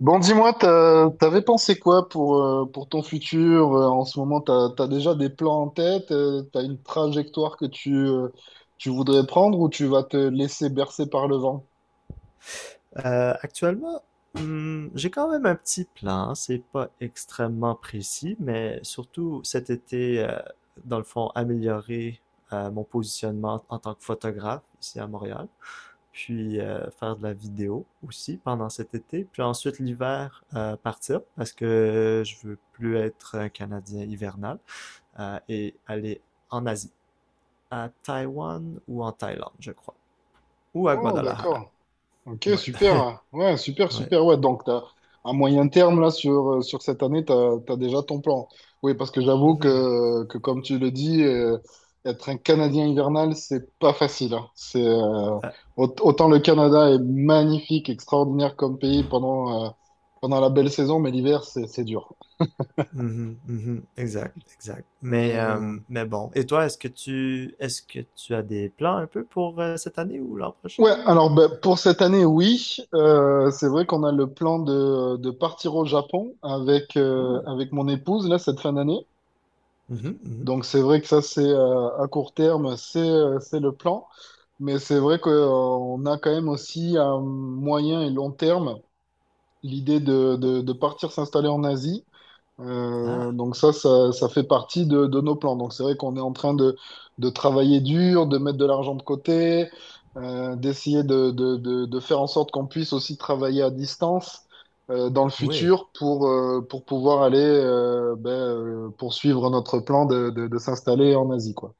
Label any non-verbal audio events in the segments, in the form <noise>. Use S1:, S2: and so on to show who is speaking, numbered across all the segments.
S1: Bon, dis-moi, t'avais pensé quoi pour ton futur? En ce moment, t'as déjà des plans en tête? T'as une trajectoire que tu voudrais prendre ou tu vas te laisser bercer par le vent?
S2: Euh, actuellement, j'ai quand même un petit plan. C'est pas extrêmement précis, mais surtout cet été, dans le fond, améliorer mon positionnement en tant que photographe ici à Montréal, puis faire de la vidéo aussi pendant cet été, puis ensuite l'hiver partir parce que je veux plus être un Canadien hivernal et aller en Asie, à Taïwan ou en Thaïlande, je crois, ou à
S1: Oh,
S2: Guadalajara.
S1: d'accord. Ok,
S2: Ouais,
S1: super. Ouais, super,
S2: ouais.
S1: super. Ouais, à moyen terme, là, sur cette année, tu as, déjà ton plan. Oui, parce que j'avoue
S2: Mhm.
S1: que, que, comme tu le dis, être un Canadien hivernal, c'est pas facile, hein.
S2: Euh,
S1: Autant le Canada est magnifique, extraordinaire comme pays pendant la belle saison, mais l'hiver, c'est dur.
S2: Mhm, mhm, exact, exact.
S1: Euh,
S2: Mais bon. Et toi, est-ce que tu as des plans un peu pour cette année ou l'an prochain
S1: Ouais,
S2: ou...
S1: alors ben, pour cette année, oui. C'est vrai qu'on a le plan de partir au Japon
S2: Ouh.
S1: avec mon épouse, là, cette fin d'année.
S2: Mhm, mhm.
S1: Donc c'est vrai que ça c'est à court terme, c'est le plan, mais c'est vrai qu'on a quand même aussi à moyen et long terme l'idée de partir s'installer en Asie.
S2: Ah,
S1: Donc ça fait partie de nos plans. Donc c'est vrai qu'on est en train de travailler dur, de mettre de l'argent de côté, d'essayer de faire en sorte qu'on puisse aussi travailler à distance dans le
S2: oui.
S1: futur pour pouvoir aller poursuivre notre plan de s'installer en Asie, quoi.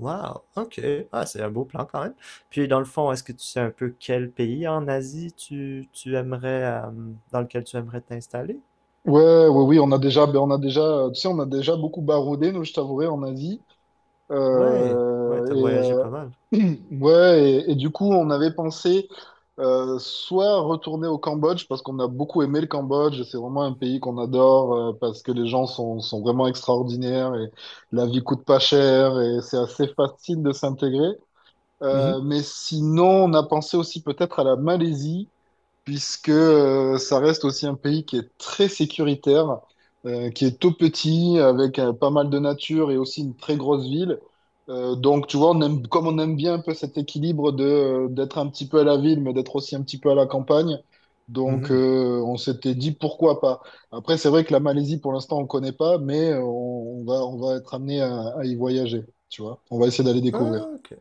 S2: Wow. OK. Ah, c'est un beau plan quand même. Puis dans le fond, est-ce que tu sais un peu quel pays en Asie tu aimerais dans lequel tu aimerais t'installer?
S1: Ouais, oui, on a déjà, tu sais, on a déjà beaucoup baroudé, nous, je t'avouerai, en Asie.
S2: Ouais, ouais, t'as voyagé
S1: Euh,
S2: pas mal.
S1: et, euh, <clears throat> ouais, et du coup, on avait pensé soit retourner au Cambodge, parce qu'on a beaucoup aimé le Cambodge, c'est vraiment un pays qu'on adore, parce que les gens sont vraiment extraordinaires, et la vie coûte pas cher, et c'est assez facile de s'intégrer.
S2: Mhm,
S1: Mais sinon, on a pensé aussi peut-être à la Malaisie puisque ça reste aussi un pays qui est très sécuritaire, qui est tout petit, avec pas mal de nature et aussi une très grosse ville. Donc, tu vois, on aime, comme on aime bien un peu cet équilibre d'être un petit peu à la ville, mais d'être aussi un petit peu à la campagne. Donc,
S2: mhm.
S1: on s'était dit pourquoi pas. Après, c'est vrai que la Malaisie, pour l'instant, on ne connaît pas, mais on va être amené à y voyager, tu vois. On va essayer d'aller
S2: Ah,
S1: découvrir.
S2: OK.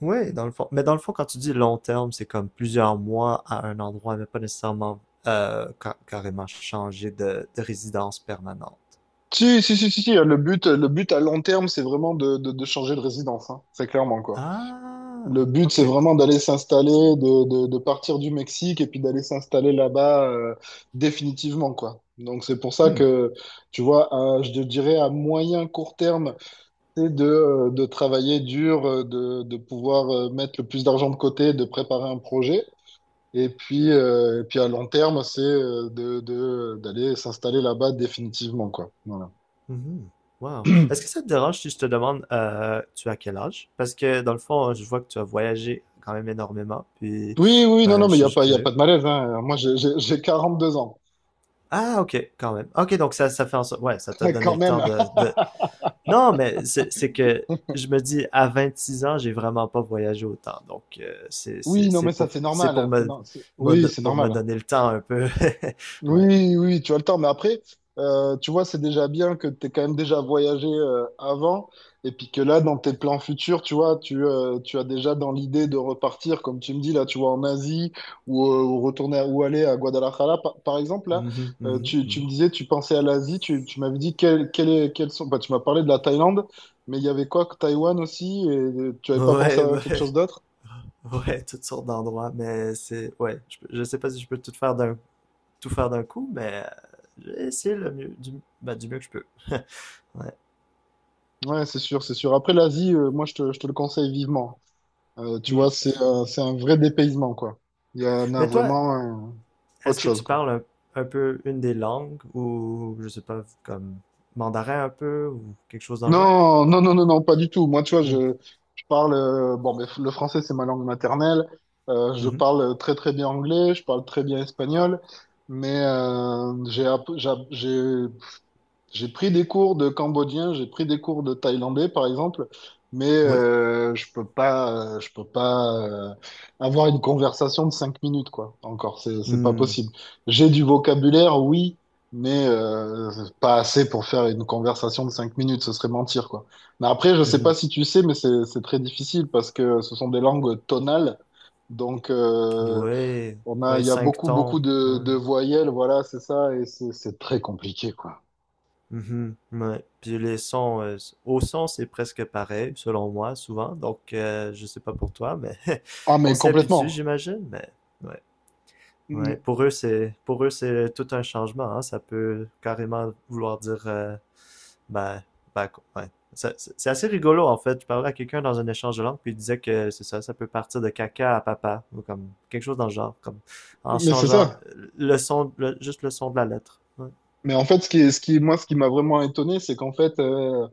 S2: Oui, dans le fond. Mais dans le fond, quand tu dis long terme, c'est comme plusieurs mois à un endroit, mais pas nécessairement carrément changer de résidence permanente.
S1: Si, si, si, si, si, le but, le but à long terme, c'est vraiment de changer de résidence, hein. Très clairement, quoi.
S2: Ah,
S1: Le but,
S2: ok.
S1: c'est vraiment d'aller s'installer, de partir du Mexique et puis d'aller s'installer là-bas définitivement, quoi. Donc, c'est pour ça
S2: Hmm.
S1: que, tu vois, je te dirais à moyen, court terme, c'est de travailler dur, de pouvoir mettre le plus d'argent de côté, de préparer un projet. Et puis, à long terme, c'est d'aller s'installer là-bas définitivement, quoi. Voilà.
S2: Mhm. Wow. Est-ce que ça te dérange si je te demande, tu as quel âge? Parce que dans le fond, je vois que tu as voyagé quand même énormément, puis
S1: Oui, oui, non,
S2: ben,
S1: non,
S2: je
S1: mais il n'y
S2: suis
S1: a
S2: juste
S1: pas, y a
S2: curieux.
S1: pas de malaise, hein. Moi, j'ai deux ans,
S2: Ah, ok, quand même. Ok, donc ça fait en sorte, ouais, ça t'a
S1: <laughs>
S2: donné
S1: quand
S2: le
S1: même.
S2: temps
S1: <laughs>
S2: de, non, mais c'est que je me dis, à 26 ans, j'ai vraiment pas voyagé autant. Donc,
S1: Oui, non, mais ça, c'est
S2: c'est
S1: normal,
S2: pour
S1: hein. C'est no- c'est- Oui, c'est
S2: pour me
S1: normal.
S2: donner le temps un peu. <laughs>
S1: Oui,
S2: Ouais.
S1: oui, tu as le temps, mais après, tu vois, c'est déjà bien que tu quand même déjà voyagé avant, et puis que là, dans tes plans futurs, tu vois, tu as déjà dans l'idée de repartir, comme tu me dis, là, tu vois, en Asie, ou, ou aller à Guadalajara, par exemple, là,
S2: Mhm, mhm,
S1: tu
S2: mhm.
S1: me disais, tu pensais à l'Asie, tu m'avais dit, quels sont, bah, tu m'as parlé de la Thaïlande, mais il y avait quoi, que Taïwan aussi, et tu n'avais pas pensé
S2: Ouais, <laughs>
S1: à quelque
S2: ouais,
S1: chose d'autre?
S2: ouais, toutes sortes d'endroits, mais c'est, ouais, je sais pas si je peux tout faire d'un coup, mais j'ai le mieux, bah, du mieux que je peux. <laughs> Ouais.
S1: Ouais, c'est sûr, c'est sûr. Après, l'Asie, moi, je te le conseille vivement. Tu vois,
S2: Mm.
S1: c'est un vrai dépaysement, quoi. Il y en a
S2: Mais toi,
S1: vraiment euh, autre
S2: est-ce que
S1: chose,
S2: tu
S1: quoi.
S2: parles un peu une des langues ou, je sais pas, comme mandarin un peu ou quelque chose dans le genre?
S1: Non, non, non, non, non, pas du tout. Moi, tu vois,
S2: Hmm.
S1: je parle bon, mais le français, c'est ma langue maternelle. Je
S2: Mmh mh.
S1: parle très, très bien anglais. Je parle très bien espagnol. Mais j'ai app- j'ai app- j'ai pris des cours de cambodgien, j'ai pris des cours de thaïlandais, par exemple, mais
S2: Ouais.
S1: je peux pas avoir une conversation de cinq minutes, quoi. Encore, c'est pas
S2: Hmm.
S1: possible. J'ai du vocabulaire, oui, mais pas assez pour faire une conversation de cinq minutes. Ce serait mentir, quoi. Mais après, je
S2: Mmh
S1: sais pas
S2: mh.
S1: si tu sais, mais c'est très difficile parce que ce sont des langues tonales. Donc,
S2: Ouais. Ouais,
S1: il y a
S2: 5
S1: beaucoup, beaucoup
S2: temps. Ouais.
S1: de voyelles, voilà, c'est ça, et c'est très compliqué, quoi.
S2: Mmh. Ouais. Puis les sons, au son, c'est presque pareil, selon moi, souvent. Donc, je sais pas pour toi, mais <laughs>
S1: Ah,
S2: on
S1: mais
S2: s'y habitue,
S1: complètement.
S2: j'imagine. Mais ouais. Ouais.
S1: M-
S2: Pour eux, c'est tout un changement, hein. Ça peut carrément vouloir dire Ben, ben, ouais. C'est assez rigolo en fait. Je parlais à quelqu'un dans un échange de langue, puis il disait que c'est ça, ça peut partir de caca à papa, ou comme quelque chose dans le genre, comme en
S1: Mais c'est
S2: changeant
S1: ça.
S2: juste le son de la lettre. Ouais,
S1: Mais en fait, ce qui m'a vraiment étonné, c'est qu'en fait, euh,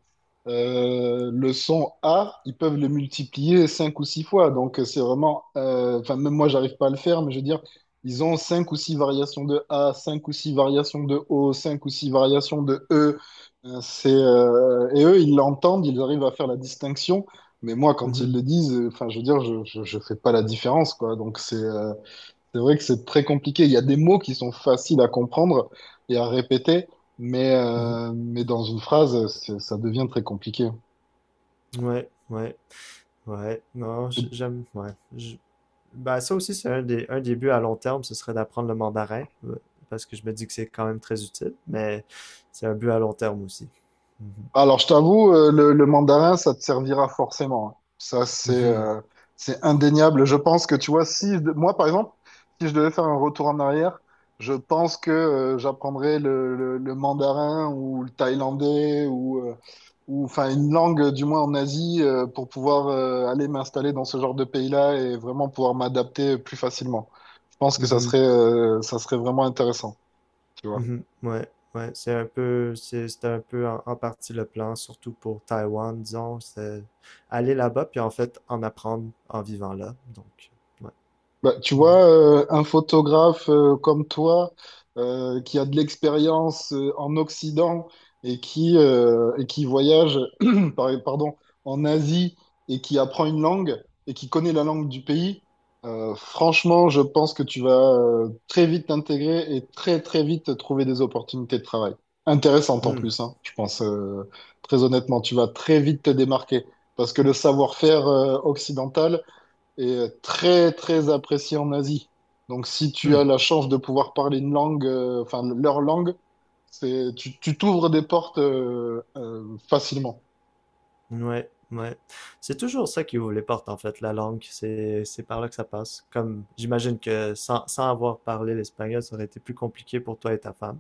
S1: euh, le son A, ils peuvent le multiplier cinq ou six fois. Donc, c'est vraiment, enfin, même moi, j'arrive pas à le faire, mais je veux dire, ils ont cinq ou six variations de A, cinq ou six variations de O, cinq ou six variations de E. Et eux, ils l'entendent, ils arrivent à faire la distinction. Mais moi, quand ils
S2: mhm,
S1: le disent, enfin, je veux dire, je fais pas la différence, quoi. Donc, c'est vrai que c'est très compliqué. Il y a des mots qui sont faciles à comprendre et à répéter, mais,
S2: mhm.
S1: mais dans une phrase, ça devient très compliqué.
S2: Ouais, ouais. Non, j'aime, ben, ça aussi, c'est un un des buts à long terme, ce serait d'apprendre le mandarin, parce que je me dis que c'est quand même très utile, mais c'est un but à long terme aussi. Mhm.
S1: Alors, je t'avoue, le mandarin, ça te servira forcément, hein. Ça,
S2: Mhm,
S1: c'est indéniable. Je pense que, tu vois, si je de- moi, par exemple, si je devais faire un retour en arrière, je pense que j'apprendrais le mandarin ou le thaïlandais ou enfin une langue, du moins en Asie, pour pouvoir aller m'installer dans ce genre de pays-là et vraiment pouvoir m'adapter plus facilement. Je pense que
S2: mhm.
S1: ça serait vraiment intéressant, tu vois.
S2: Mhm. Ouais, ouais, c'était un peu en, en partie le plan, surtout pour Taïwan, disons, c'est aller là-bas puis en fait en apprendre en vivant là. Donc, ouais.
S1: Bah, tu vois, un photographe comme toi, qui a de l'expérience en Occident et et qui voyage <clears throat> pardon, en Asie et qui apprend une langue et qui connaît la langue du pays, franchement, je pense que tu vas très vite t'intégrer et très très vite trouver des opportunités de travail. Intéressantes en
S2: Mhm.
S1: plus, hein, je pense, très honnêtement, tu vas très vite te démarquer parce que le savoir-faire occidental est très très apprécié en Asie. Donc si tu
S2: Hmm.
S1: as la chance de pouvoir parler une langue, enfin leur langue, c'est tu t'ouvres des portes facilement.
S2: Hmm. Ouais, ouais. C'est toujours ça qui ouvre les portes en fait, la langue. C'est par là que ça passe. Comme j'imagine que sans avoir parlé l'espagnol, ça aurait été plus compliqué pour toi et ta femme.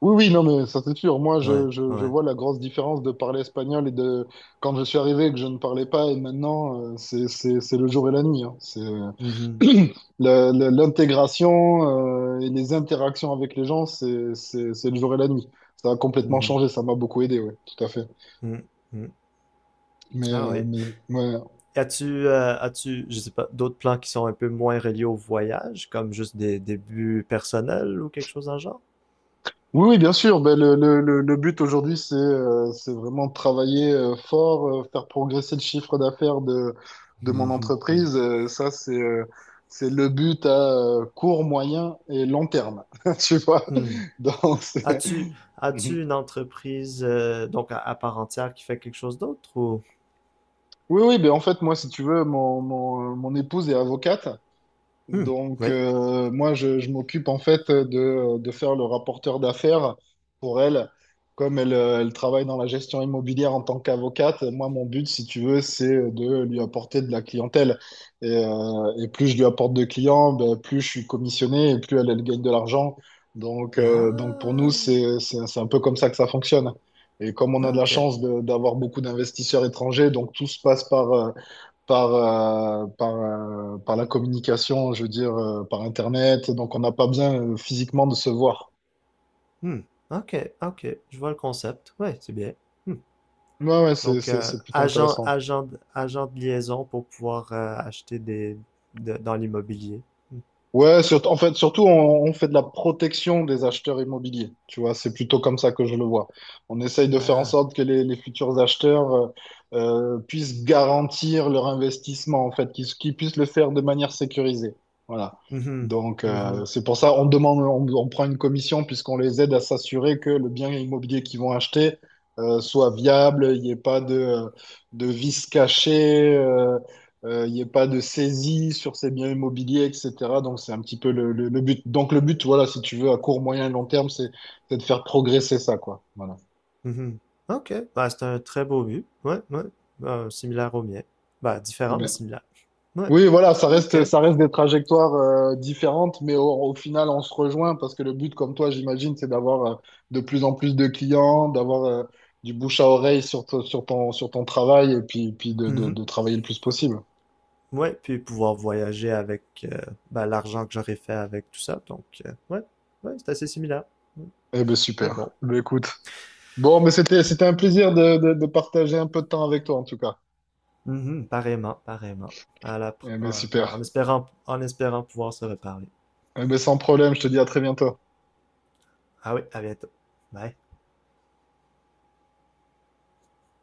S1: Oui, oui, non, mais ça c'est sûr. Moi,
S2: Ouais,
S1: je
S2: ouais.
S1: vois la grosse différence de parler espagnol et de quand je suis arrivé et que je ne parlais pas et maintenant, c'est le jour et la nuit, hein. C'est
S2: Mhm.
S1: <clears throat> l'intégration et les interactions avec les gens, c'est le jour et la nuit. Ça a complètement
S2: Mhm.
S1: changé, ça m'a beaucoup aidé, oui, tout à fait.
S2: Hmm. Hmm.
S1: Mais,
S2: Ah
S1: euh,
S2: oui.
S1: mais ouais.
S2: As-tu, as-tu, je sais pas, d'autres plans qui sont un peu moins reliés au voyage, comme juste des débuts personnels ou quelque chose dans le genre?
S1: Oui, oui, bien sûr. Ben, le but aujourd'hui, c'est vraiment de travailler fort, faire progresser le chiffre d'affaires de
S2: Hum,
S1: mon
S2: hum, hum,
S1: entreprise. Ça, c'est le but à court, moyen et long terme. <laughs> Tu vois?
S2: hum.
S1: Donc, c'est...
S2: As-tu,
S1: Mhm.
S2: as-tu une entreprise, à part entière qui fait quelque chose d'autre ou?
S1: Oui, oui, ben en fait, moi, si tu veux, mon épouse est avocate.
S2: Hum,
S1: Donc,
S2: oui.
S1: moi, je m'occupe en fait de faire le rapporteur d'affaires pour elle. Comme elle, elle travaille dans la gestion immobilière en tant qu'avocate, moi, mon but, si tu veux, c'est de lui apporter de la clientèle. Et plus je lui apporte de clients, ben, plus je suis commissionné et plus elle, elle gagne de l'argent. Donc, donc, pour nous,
S2: Ah,
S1: c'est un peu comme ça que ça fonctionne. Et comme on a de la
S2: ok.
S1: chance d'avoir beaucoup d'investisseurs étrangers, donc tout se passe par la communication, je veux dire, par Internet. Donc, on n'a pas bien physiquement de se voir.
S2: Hum, ok, ok. Je vois le concept. Oui, c'est bien. Hum.
S1: Ouais, ouais,
S2: Donc,
S1: c'est plutôt intéressant.
S2: agent de liaison pour pouvoir acheter dans l'immobilier. Hum.
S1: Ouais, surtout, en fait, surtout, on fait de la protection des acheteurs immobiliers. Tu vois, c'est plutôt comme ça que je le vois. On essaye de faire en
S2: Ah.
S1: sorte que les futurs acheteurs puissent garantir leur investissement, en fait, qu'ils puissent le faire de manière sécurisée. Voilà.
S2: Mhm.
S1: Donc,
S2: Mhm.
S1: c'est pour ça on demande, on prend une commission puisqu'on les aide à s'assurer que le bien immobilier qu'ils vont acheter soit viable, il n'y ait pas de, de vices cachés, il n'y ait pas de saisie sur ces biens immobiliers, etc. Donc, c'est un petit peu le but. Donc, le but, voilà, si tu veux, à court, moyen et long terme, c'est de faire progresser ça, quoi. Voilà.
S2: Mhm. OK. Bah, c'est un très beau but. Ouais, ouais. Similaire au mien. Bah, différent, mais
S1: Mais-
S2: similaire. Ouais,
S1: oui, voilà,
S2: OK.
S1: ça reste des trajectoires différentes, mais au final, on se rejoint parce que le but, comme toi, j'imagine, c'est d'avoir de plus en plus de clients, d'avoir du bouche à oreille sur ton travail et puis,
S2: Mhm.
S1: de travailler le plus possible.
S2: Ouais, puis pouvoir voyager avec euh, bah, l'argent que j'aurais fait avec tout ça. Donc, ouais, ouais, c'est assez similaire. Ouais.
S1: Eh ben,
S2: Mais
S1: super.
S2: bon.
S1: Ben, écoute. Bon, mais c'était un plaisir de partager un peu de temps avec toi, en tout cas.
S2: Mhm. Pareillement, pareillement.
S1: Eh ben, super.
S2: Bah, en espérant pouvoir se reparler.
S1: Eh ben, sans problème, je te dis à très bientôt.
S2: Ah oui, à bientôt. Bye.